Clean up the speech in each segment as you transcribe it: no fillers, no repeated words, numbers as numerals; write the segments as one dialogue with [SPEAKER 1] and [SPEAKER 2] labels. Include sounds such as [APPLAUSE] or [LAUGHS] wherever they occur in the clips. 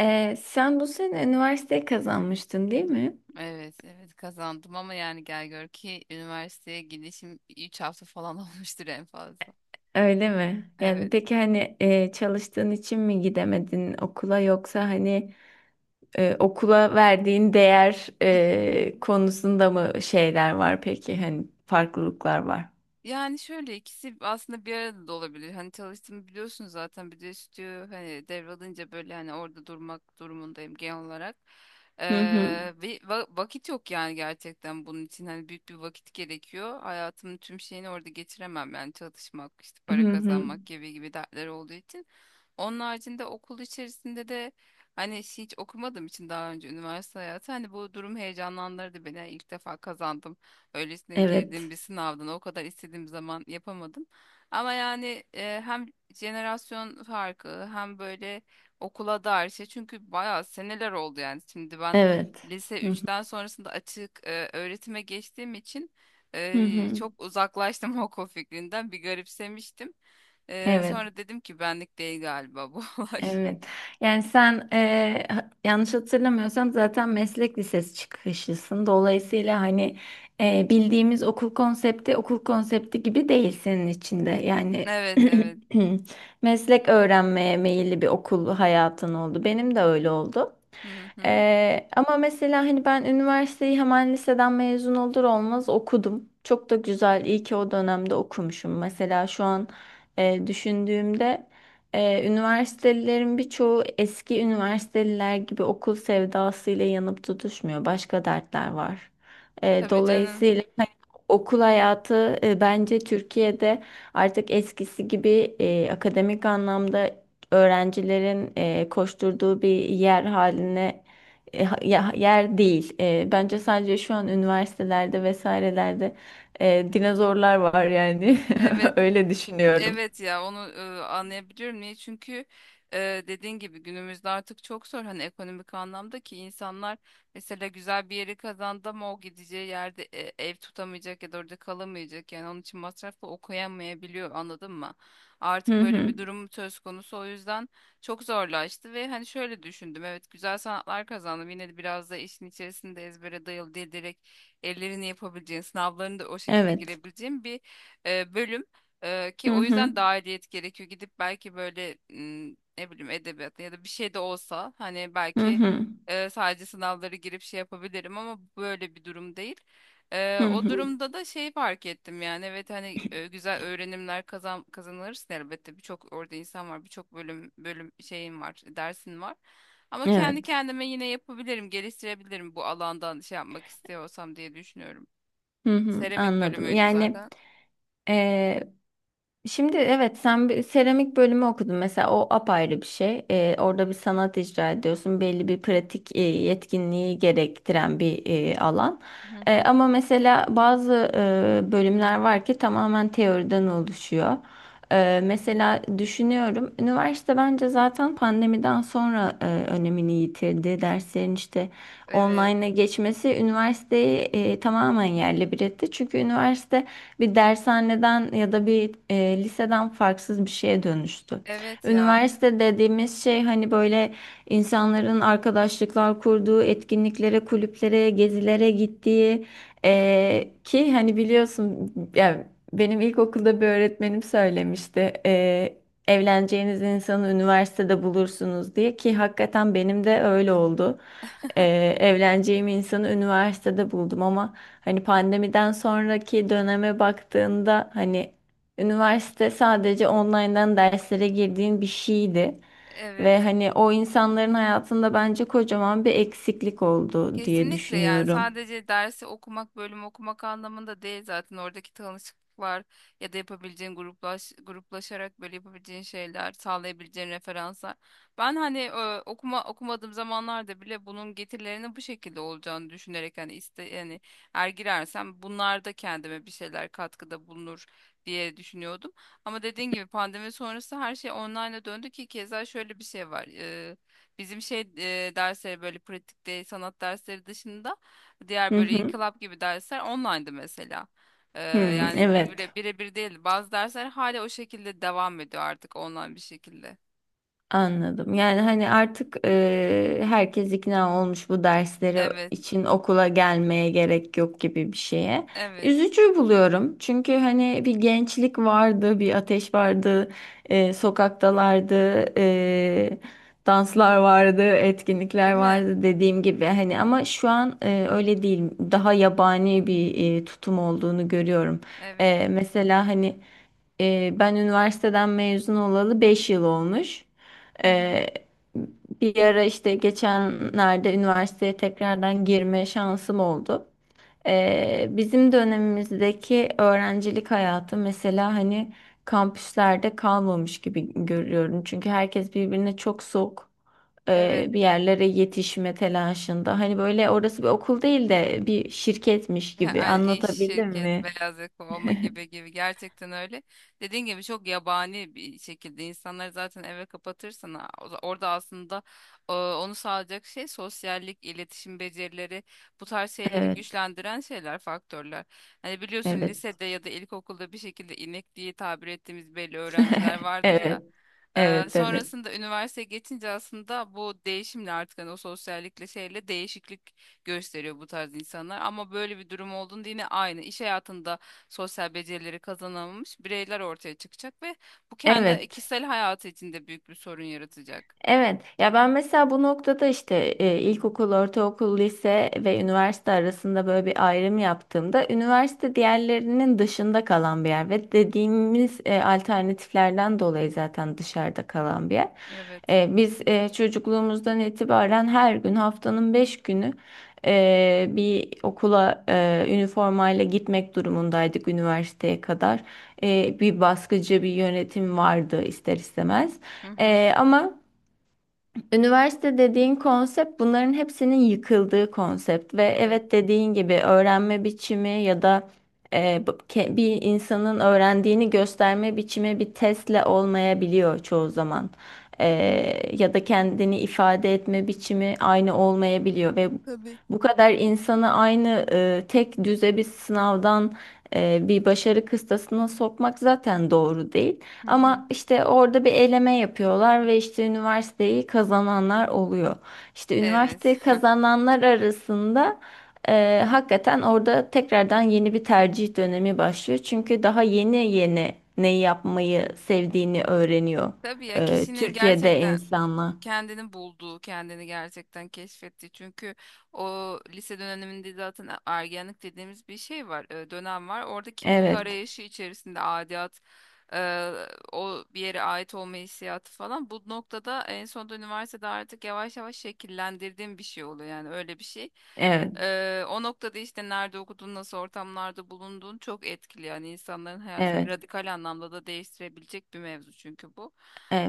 [SPEAKER 1] Sen bu sene üniversiteyi kazanmıştın değil mi?
[SPEAKER 2] Evet, evet kazandım ama yani gel gör ki üniversiteye gidişim 3 hafta falan [LAUGHS] olmuştur en fazla.
[SPEAKER 1] Öyle mi? Yani
[SPEAKER 2] Evet.
[SPEAKER 1] peki hani çalıştığın için mi gidemedin okula yoksa hani okula verdiğin değer konusunda mı şeyler var peki hani farklılıklar var?
[SPEAKER 2] Yani şöyle ikisi aslında bir arada da olabilir. Hani çalıştığımı biliyorsun zaten, bir de stüdyo hani devralınca böyle hani orada durmak durumundayım genel olarak. Ee,
[SPEAKER 1] Hı hı.
[SPEAKER 2] ve vakit yok yani, gerçekten bunun için hani büyük bir vakit gerekiyor. Hayatımın tüm şeyini orada geçiremem yani, çalışmak işte,
[SPEAKER 1] Hı
[SPEAKER 2] para
[SPEAKER 1] hı.
[SPEAKER 2] kazanmak gibi gibi dertler olduğu için. Onun haricinde okul içerisinde de hani hiç okumadığım için daha önce, üniversite hayatı hani bu durum heyecanlandırdı beni. Yani İlk defa kazandım. Öylesine girdiğim
[SPEAKER 1] Evet.
[SPEAKER 2] bir sınavdan o kadar istediğim zaman yapamadım. Ama yani hem jenerasyon farkı hem böyle okula dair şey. Çünkü bayağı seneler oldu yani. Şimdi ben
[SPEAKER 1] Evet.
[SPEAKER 2] lise
[SPEAKER 1] Hı hı.
[SPEAKER 2] üçten sonrasında açık öğretime geçtiğim için
[SPEAKER 1] Hı hı.
[SPEAKER 2] çok uzaklaştım [LAUGHS] okul fikrinden. Bir garipsemiştim. Ee,
[SPEAKER 1] Evet.
[SPEAKER 2] sonra dedim ki benlik değil galiba bu [LAUGHS] olay.
[SPEAKER 1] Evet. Yani sen yanlış hatırlamıyorsam zaten meslek lisesi çıkışlısın. Dolayısıyla hani bildiğimiz okul konsepti gibi değil senin içinde. Yani
[SPEAKER 2] Evet, evet.
[SPEAKER 1] [CLEARS THROAT] meslek öğrenmeye meyilli bir okul hayatın oldu. Benim de öyle oldu.
[SPEAKER 2] Hı hı.
[SPEAKER 1] Ama mesela hani ben üniversiteyi hemen liseden mezun olur olmaz okudum. Çok da güzel. İyi ki o dönemde okumuşum. Mesela şu an düşündüğümde. Üniversitelilerin birçoğu eski üniversiteliler gibi okul sevdasıyla yanıp tutuşmuyor. Başka dertler var.
[SPEAKER 2] Tabii canım.
[SPEAKER 1] Dolayısıyla okul hayatı bence Türkiye'de artık eskisi gibi akademik anlamda öğrencilerin koşturduğu bir yer haline yer değil. Bence sadece şu an üniversitelerde vesairelerde dinozorlar var yani.
[SPEAKER 2] Evet,
[SPEAKER 1] [LAUGHS] Öyle düşünüyorum.
[SPEAKER 2] evet, ya onu anlayabiliyorum niye, çünkü dediğin gibi günümüzde artık çok zor, hani ekonomik anlamda, ki insanlar mesela güzel bir yeri kazandı ama o gideceği yerde ev tutamayacak ya da orada kalamayacak, yani onun için masrafla okuyamayabiliyor, anladın mı? Artık
[SPEAKER 1] Hı
[SPEAKER 2] böyle
[SPEAKER 1] hı.
[SPEAKER 2] bir durum söz konusu, o yüzden çok zorlaştı. Ve hani şöyle düşündüm, evet güzel sanatlar kazandım, yine de biraz da işin içerisinde ezbere dayalı değil, direkt ellerini yapabileceğin, sınavlarını da o şekilde
[SPEAKER 1] Evet.
[SPEAKER 2] girebileceğin bir bölüm. Ki
[SPEAKER 1] Hı
[SPEAKER 2] o
[SPEAKER 1] hı.
[SPEAKER 2] yüzden dahiliyet gerekiyor. Gidip belki böyle ne bileyim edebiyat ya da bir şey de olsa, hani
[SPEAKER 1] Hı
[SPEAKER 2] belki
[SPEAKER 1] hı.
[SPEAKER 2] sadece sınavları girip şey yapabilirim ama böyle bir durum değil. Ee,
[SPEAKER 1] Hı
[SPEAKER 2] o
[SPEAKER 1] hı.
[SPEAKER 2] durumda da şey fark ettim yani, evet hani güzel öğrenimler kazanırsın elbette. Birçok orada insan var, birçok bölüm, şeyin var, dersin var. Ama kendi
[SPEAKER 1] Evet.
[SPEAKER 2] kendime yine yapabilirim, geliştirebilirim bu alandan şey yapmak istiyorsam diye düşünüyorum.
[SPEAKER 1] Hı hı.
[SPEAKER 2] Seramik
[SPEAKER 1] Anladım.
[SPEAKER 2] bölümüydü zaten.
[SPEAKER 1] Ee, Şimdi evet sen bir seramik bölümü okudun mesela o apayrı bir şey. Orada bir sanat icra ediyorsun. Belli bir pratik yetkinliği gerektiren bir alan.
[SPEAKER 2] Hı hı.
[SPEAKER 1] Ama mesela bazı bölümler var ki tamamen teoriden oluşuyor. Mesela düşünüyorum üniversite bence zaten pandemiden sonra önemini yitirdi. Derslerin işte
[SPEAKER 2] Evet.
[SPEAKER 1] online'a geçmesi üniversiteyi tamamen yerle bir etti. Çünkü üniversite bir dershaneden ya da bir liseden farksız bir şeye dönüştü.
[SPEAKER 2] Evet ya.
[SPEAKER 1] Üniversite dediğimiz şey hani böyle insanların arkadaşlıklar kurduğu, etkinliklere, kulüplere, gezilere gittiği ki hani biliyorsun yani benim ilkokulda bir öğretmenim söylemişti. Evleneceğiniz insanı üniversitede bulursunuz diye ki hakikaten benim de öyle oldu, evleneceğim insanı üniversitede buldum ama hani pandemiden sonraki döneme baktığında hani üniversite sadece online'dan derslere girdiğin bir şeydi. Ve
[SPEAKER 2] Evet.
[SPEAKER 1] hani o insanların hayatında bence kocaman bir eksiklik oldu diye
[SPEAKER 2] Kesinlikle yani,
[SPEAKER 1] düşünüyorum.
[SPEAKER 2] sadece dersi okumak, bölüm okumak anlamında değil, zaten oradaki tanışıklıklar ya da yapabileceğin gruplaşarak böyle yapabileceğin şeyler, sağlayabileceğin referanslar. Ben hani okumadığım zamanlarda bile bunun getirilerinin bu şekilde olacağını düşünerek, hani iste yani eğer girersem bunlar da kendime bir şeyler katkıda bulunur diye düşünüyordum. Ama dediğin gibi pandemi sonrası her şey online'a döndü, ki keza şöyle bir şey var. Bizim şey, dersleri böyle pratikte sanat dersleri dışında, diğer
[SPEAKER 1] Hı
[SPEAKER 2] böyle
[SPEAKER 1] hı.
[SPEAKER 2] inkılap gibi dersler online'dı mesela. Ee,
[SPEAKER 1] Hı,
[SPEAKER 2] yani
[SPEAKER 1] evet.
[SPEAKER 2] bire, birebir değil. Bazı dersler hala o şekilde devam ediyor, artık online bir şekilde.
[SPEAKER 1] Anladım. Yani hani artık herkes ikna olmuş bu dersleri
[SPEAKER 2] Evet,
[SPEAKER 1] için okula gelmeye gerek yok gibi bir şeye.
[SPEAKER 2] evet.
[SPEAKER 1] Üzücü buluyorum. Çünkü hani bir gençlik vardı, bir ateş vardı, sokaktalardı, danslar vardı, etkinlikler
[SPEAKER 2] Değil mi?
[SPEAKER 1] vardı dediğim gibi. Hani ama şu an öyle değil. Daha yabani bir tutum olduğunu görüyorum.
[SPEAKER 2] Evet.
[SPEAKER 1] Mesela hani ben üniversiteden mezun olalı 5 yıl olmuş.
[SPEAKER 2] Hı hı.
[SPEAKER 1] Ee, Bir ara işte geçenlerde üniversiteye tekrardan girme şansım oldu. Bizim dönemimizdeki öğrencilik hayatı mesela hani kampüslerde kalmamış gibi görüyorum. Çünkü herkes birbirine çok soğuk
[SPEAKER 2] Evet.
[SPEAKER 1] bir yerlere yetişme telaşında. Hani böyle orası bir okul değil de bir şirketmiş
[SPEAKER 2] [LAUGHS]
[SPEAKER 1] gibi
[SPEAKER 2] Yani iş,
[SPEAKER 1] anlatabildim
[SPEAKER 2] şirket,
[SPEAKER 1] mi?
[SPEAKER 2] beyaz yaka olma
[SPEAKER 1] [LAUGHS]
[SPEAKER 2] gibi gibi, gerçekten öyle. Dediğin gibi çok yabani bir şekilde, insanları zaten eve kapatırsan orada aslında onu sağlayacak şey sosyallik, iletişim becerileri, bu tarz şeyleri
[SPEAKER 1] Evet,
[SPEAKER 2] güçlendiren şeyler, faktörler. Hani biliyorsun,
[SPEAKER 1] evet.
[SPEAKER 2] lisede ya da ilkokulda bir şekilde inek diye tabir ettiğimiz belli öğrenciler
[SPEAKER 1] [LAUGHS]
[SPEAKER 2] vardır ya.
[SPEAKER 1] Evet,
[SPEAKER 2] E,
[SPEAKER 1] evet, evet.
[SPEAKER 2] sonrasında üniversiteye geçince aslında bu değişimle artık hani o sosyallikle şeyle değişiklik gösteriyor bu tarz insanlar. Ama böyle bir durum olduğunda, yine aynı iş hayatında sosyal becerileri kazanamamış bireyler ortaya çıkacak ve bu kendi
[SPEAKER 1] Evet.
[SPEAKER 2] kişisel hayatı içinde büyük bir sorun yaratacak.
[SPEAKER 1] Evet ya, ben mesela bu noktada işte ilkokul, ortaokul, lise ve üniversite arasında böyle bir ayrım yaptığımda üniversite diğerlerinin dışında kalan bir yer ve dediğimiz alternatiflerden dolayı zaten dışarıda kalan bir yer.
[SPEAKER 2] Evet.
[SPEAKER 1] Biz çocukluğumuzdan itibaren her gün haftanın 5 günü bir okula üniformayla gitmek durumundaydık üniversiteye kadar. Bir baskıcı bir yönetim vardı ister istemez.
[SPEAKER 2] Hı hı.
[SPEAKER 1] E, ama Üniversite dediğin konsept bunların hepsinin yıkıldığı konsept ve
[SPEAKER 2] Evet.
[SPEAKER 1] evet dediğin gibi öğrenme biçimi ya da bir insanın öğrendiğini gösterme biçimi bir testle olmayabiliyor çoğu zaman. E, Ya da kendini ifade etme biçimi aynı olmayabiliyor ve
[SPEAKER 2] Tabii.
[SPEAKER 1] bu kadar insanı aynı, tek düze bir sınavdan bir başarı kıstasına sokmak zaten doğru değil.
[SPEAKER 2] Hı hı.
[SPEAKER 1] Ama işte orada bir eleme yapıyorlar ve işte üniversiteyi kazananlar oluyor. İşte
[SPEAKER 2] Evet.
[SPEAKER 1] üniversiteyi kazananlar arasında hakikaten orada tekrardan yeni bir tercih dönemi başlıyor. Çünkü daha yeni yeni neyi yapmayı sevdiğini öğreniyor
[SPEAKER 2] [LAUGHS] Tabii ya, kişinin
[SPEAKER 1] Türkiye'de
[SPEAKER 2] gerçekten
[SPEAKER 1] insanlar.
[SPEAKER 2] kendini bulduğu, kendini gerçekten keşfetti. Çünkü o lise döneminde zaten ergenlik dediğimiz bir şey var, dönem var. Orada kimlik
[SPEAKER 1] Evet,
[SPEAKER 2] arayışı içerisinde adiyat, e, o bir yere ait olma hissiyatı falan. Bu noktada en sonunda üniversitede artık yavaş yavaş şekillendirdiğim bir şey oluyor. Yani öyle bir şey.
[SPEAKER 1] evet,
[SPEAKER 2] O noktada işte nerede okudun, nasıl ortamlarda bulunduğun çok etkili. Yani insanların hayatını
[SPEAKER 1] evet,
[SPEAKER 2] radikal anlamda da değiştirebilecek bir mevzu çünkü bu.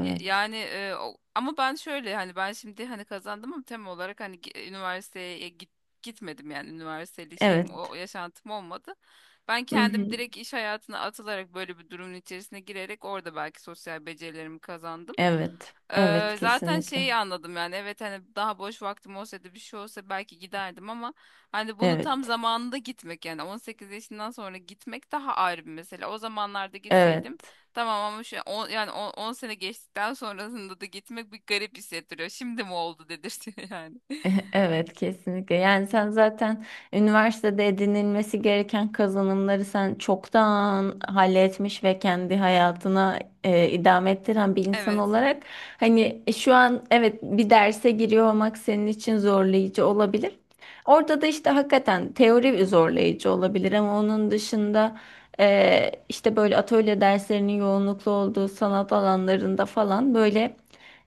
[SPEAKER 2] Yani ama ben şöyle hani, ben şimdi hani kazandım ama tem olarak hani üniversiteye gitmedim yani, üniversiteli şeyim, o
[SPEAKER 1] evet.
[SPEAKER 2] yaşantım olmadı. Ben
[SPEAKER 1] Hı
[SPEAKER 2] kendim
[SPEAKER 1] hı.
[SPEAKER 2] direkt iş hayatına atılarak, böyle bir durumun içerisine girerek orada belki sosyal becerilerimi kazandım.
[SPEAKER 1] Evet, evet
[SPEAKER 2] Zaten
[SPEAKER 1] kesinlikle.
[SPEAKER 2] şeyi anladım yani, evet hani daha boş vaktim olsaydı, bir şey olsa belki giderdim ama hani bunu tam
[SPEAKER 1] Evet,
[SPEAKER 2] zamanında gitmek, yani 18 yaşından sonra gitmek daha ayrı bir mesele. O zamanlarda gitseydim
[SPEAKER 1] evet.
[SPEAKER 2] tamam, ama yani 10 sene geçtikten sonrasında da gitmek bir garip hissettiriyor. Şimdi mi oldu dedirtiyor yani. [LAUGHS]
[SPEAKER 1] [LAUGHS] Evet kesinlikle. Yani sen zaten üniversitede edinilmesi gereken kazanımları sen çoktan halletmiş ve kendi hayatına idame ettiren bir insan
[SPEAKER 2] Evet.
[SPEAKER 1] olarak hani şu an evet bir derse giriyor olmak senin için zorlayıcı olabilir. Orada da işte hakikaten teori zorlayıcı olabilir ama onun dışında işte böyle atölye derslerinin yoğunluklu olduğu sanat alanlarında falan böyle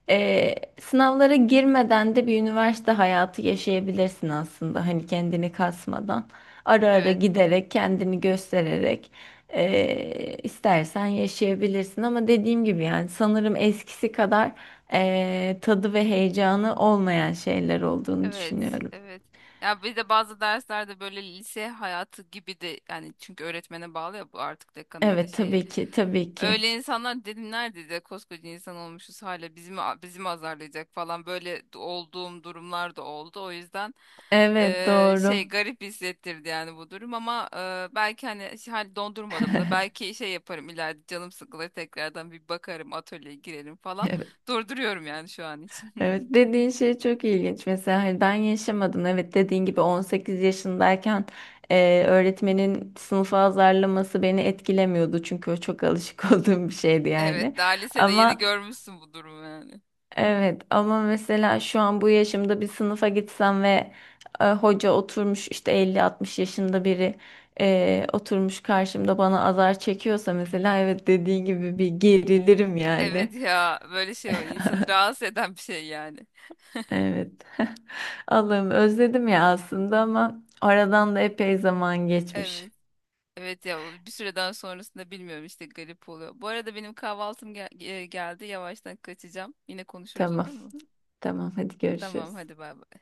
[SPEAKER 1] ee, sınavlara girmeden de bir üniversite hayatı yaşayabilirsin aslında. Hani kendini kasmadan, ara ara
[SPEAKER 2] Evet.
[SPEAKER 1] giderek, kendini göstererek istersen yaşayabilirsin. Ama dediğim gibi yani sanırım eskisi kadar tadı ve heyecanı olmayan şeyler olduğunu
[SPEAKER 2] Evet,
[SPEAKER 1] düşünüyorum.
[SPEAKER 2] evet. Ya bir de bazı derslerde böyle lise hayatı gibi de yani, çünkü öğretmene bağlı ya bu artık, dekanı ya da
[SPEAKER 1] Evet
[SPEAKER 2] şeye.
[SPEAKER 1] tabii ki, tabii ki.
[SPEAKER 2] Öyle insanlar, dedim nerede de koskoca insan olmuşuz, hala bizi mi, bizi mi azarlayacak falan böyle olduğum durumlar da oldu. O yüzden
[SPEAKER 1] Evet
[SPEAKER 2] şey
[SPEAKER 1] doğru.
[SPEAKER 2] garip hissettirdi yani bu durum, ama belki hani hani dondurmadım da, belki şey yaparım ileride, canım sıkılır tekrardan bir bakarım, atölyeye girerim falan.
[SPEAKER 1] [LAUGHS]
[SPEAKER 2] Durduruyorum yani şu an için.
[SPEAKER 1] Evet dediğin şey çok ilginç. Mesela hani ben yaşamadım. Evet dediğin gibi 18 yaşındayken öğretmenin sınıfa azarlaması beni etkilemiyordu. Çünkü o çok alışık [LAUGHS] olduğum bir şeydi yani.
[SPEAKER 2] Evet, daha lisede yeni
[SPEAKER 1] Ama
[SPEAKER 2] görmüşsün bu durumu yani.
[SPEAKER 1] evet ama mesela şu an bu yaşımda bir sınıfa gitsem ve hoca oturmuş işte 50-60 yaşında biri oturmuş karşımda bana azar çekiyorsa mesela evet dediğin gibi bir gerilirim
[SPEAKER 2] Evet
[SPEAKER 1] yani.
[SPEAKER 2] ya, böyle şey o insanı rahatsız eden bir şey yani.
[SPEAKER 1] Evet. [LAUGHS] Allah'ım özledim ya aslında ama aradan da epey zaman geçmiş.
[SPEAKER 2] Evet. Evet ya, o bir süreden sonrasında bilmiyorum işte, garip oluyor. Bu arada benim kahvaltım geldi, yavaştan kaçacağım. Yine konuşuruz,
[SPEAKER 1] Tamam,
[SPEAKER 2] olur mu?
[SPEAKER 1] tamam hadi
[SPEAKER 2] Tamam,
[SPEAKER 1] görüşürüz.
[SPEAKER 2] hadi bay bay.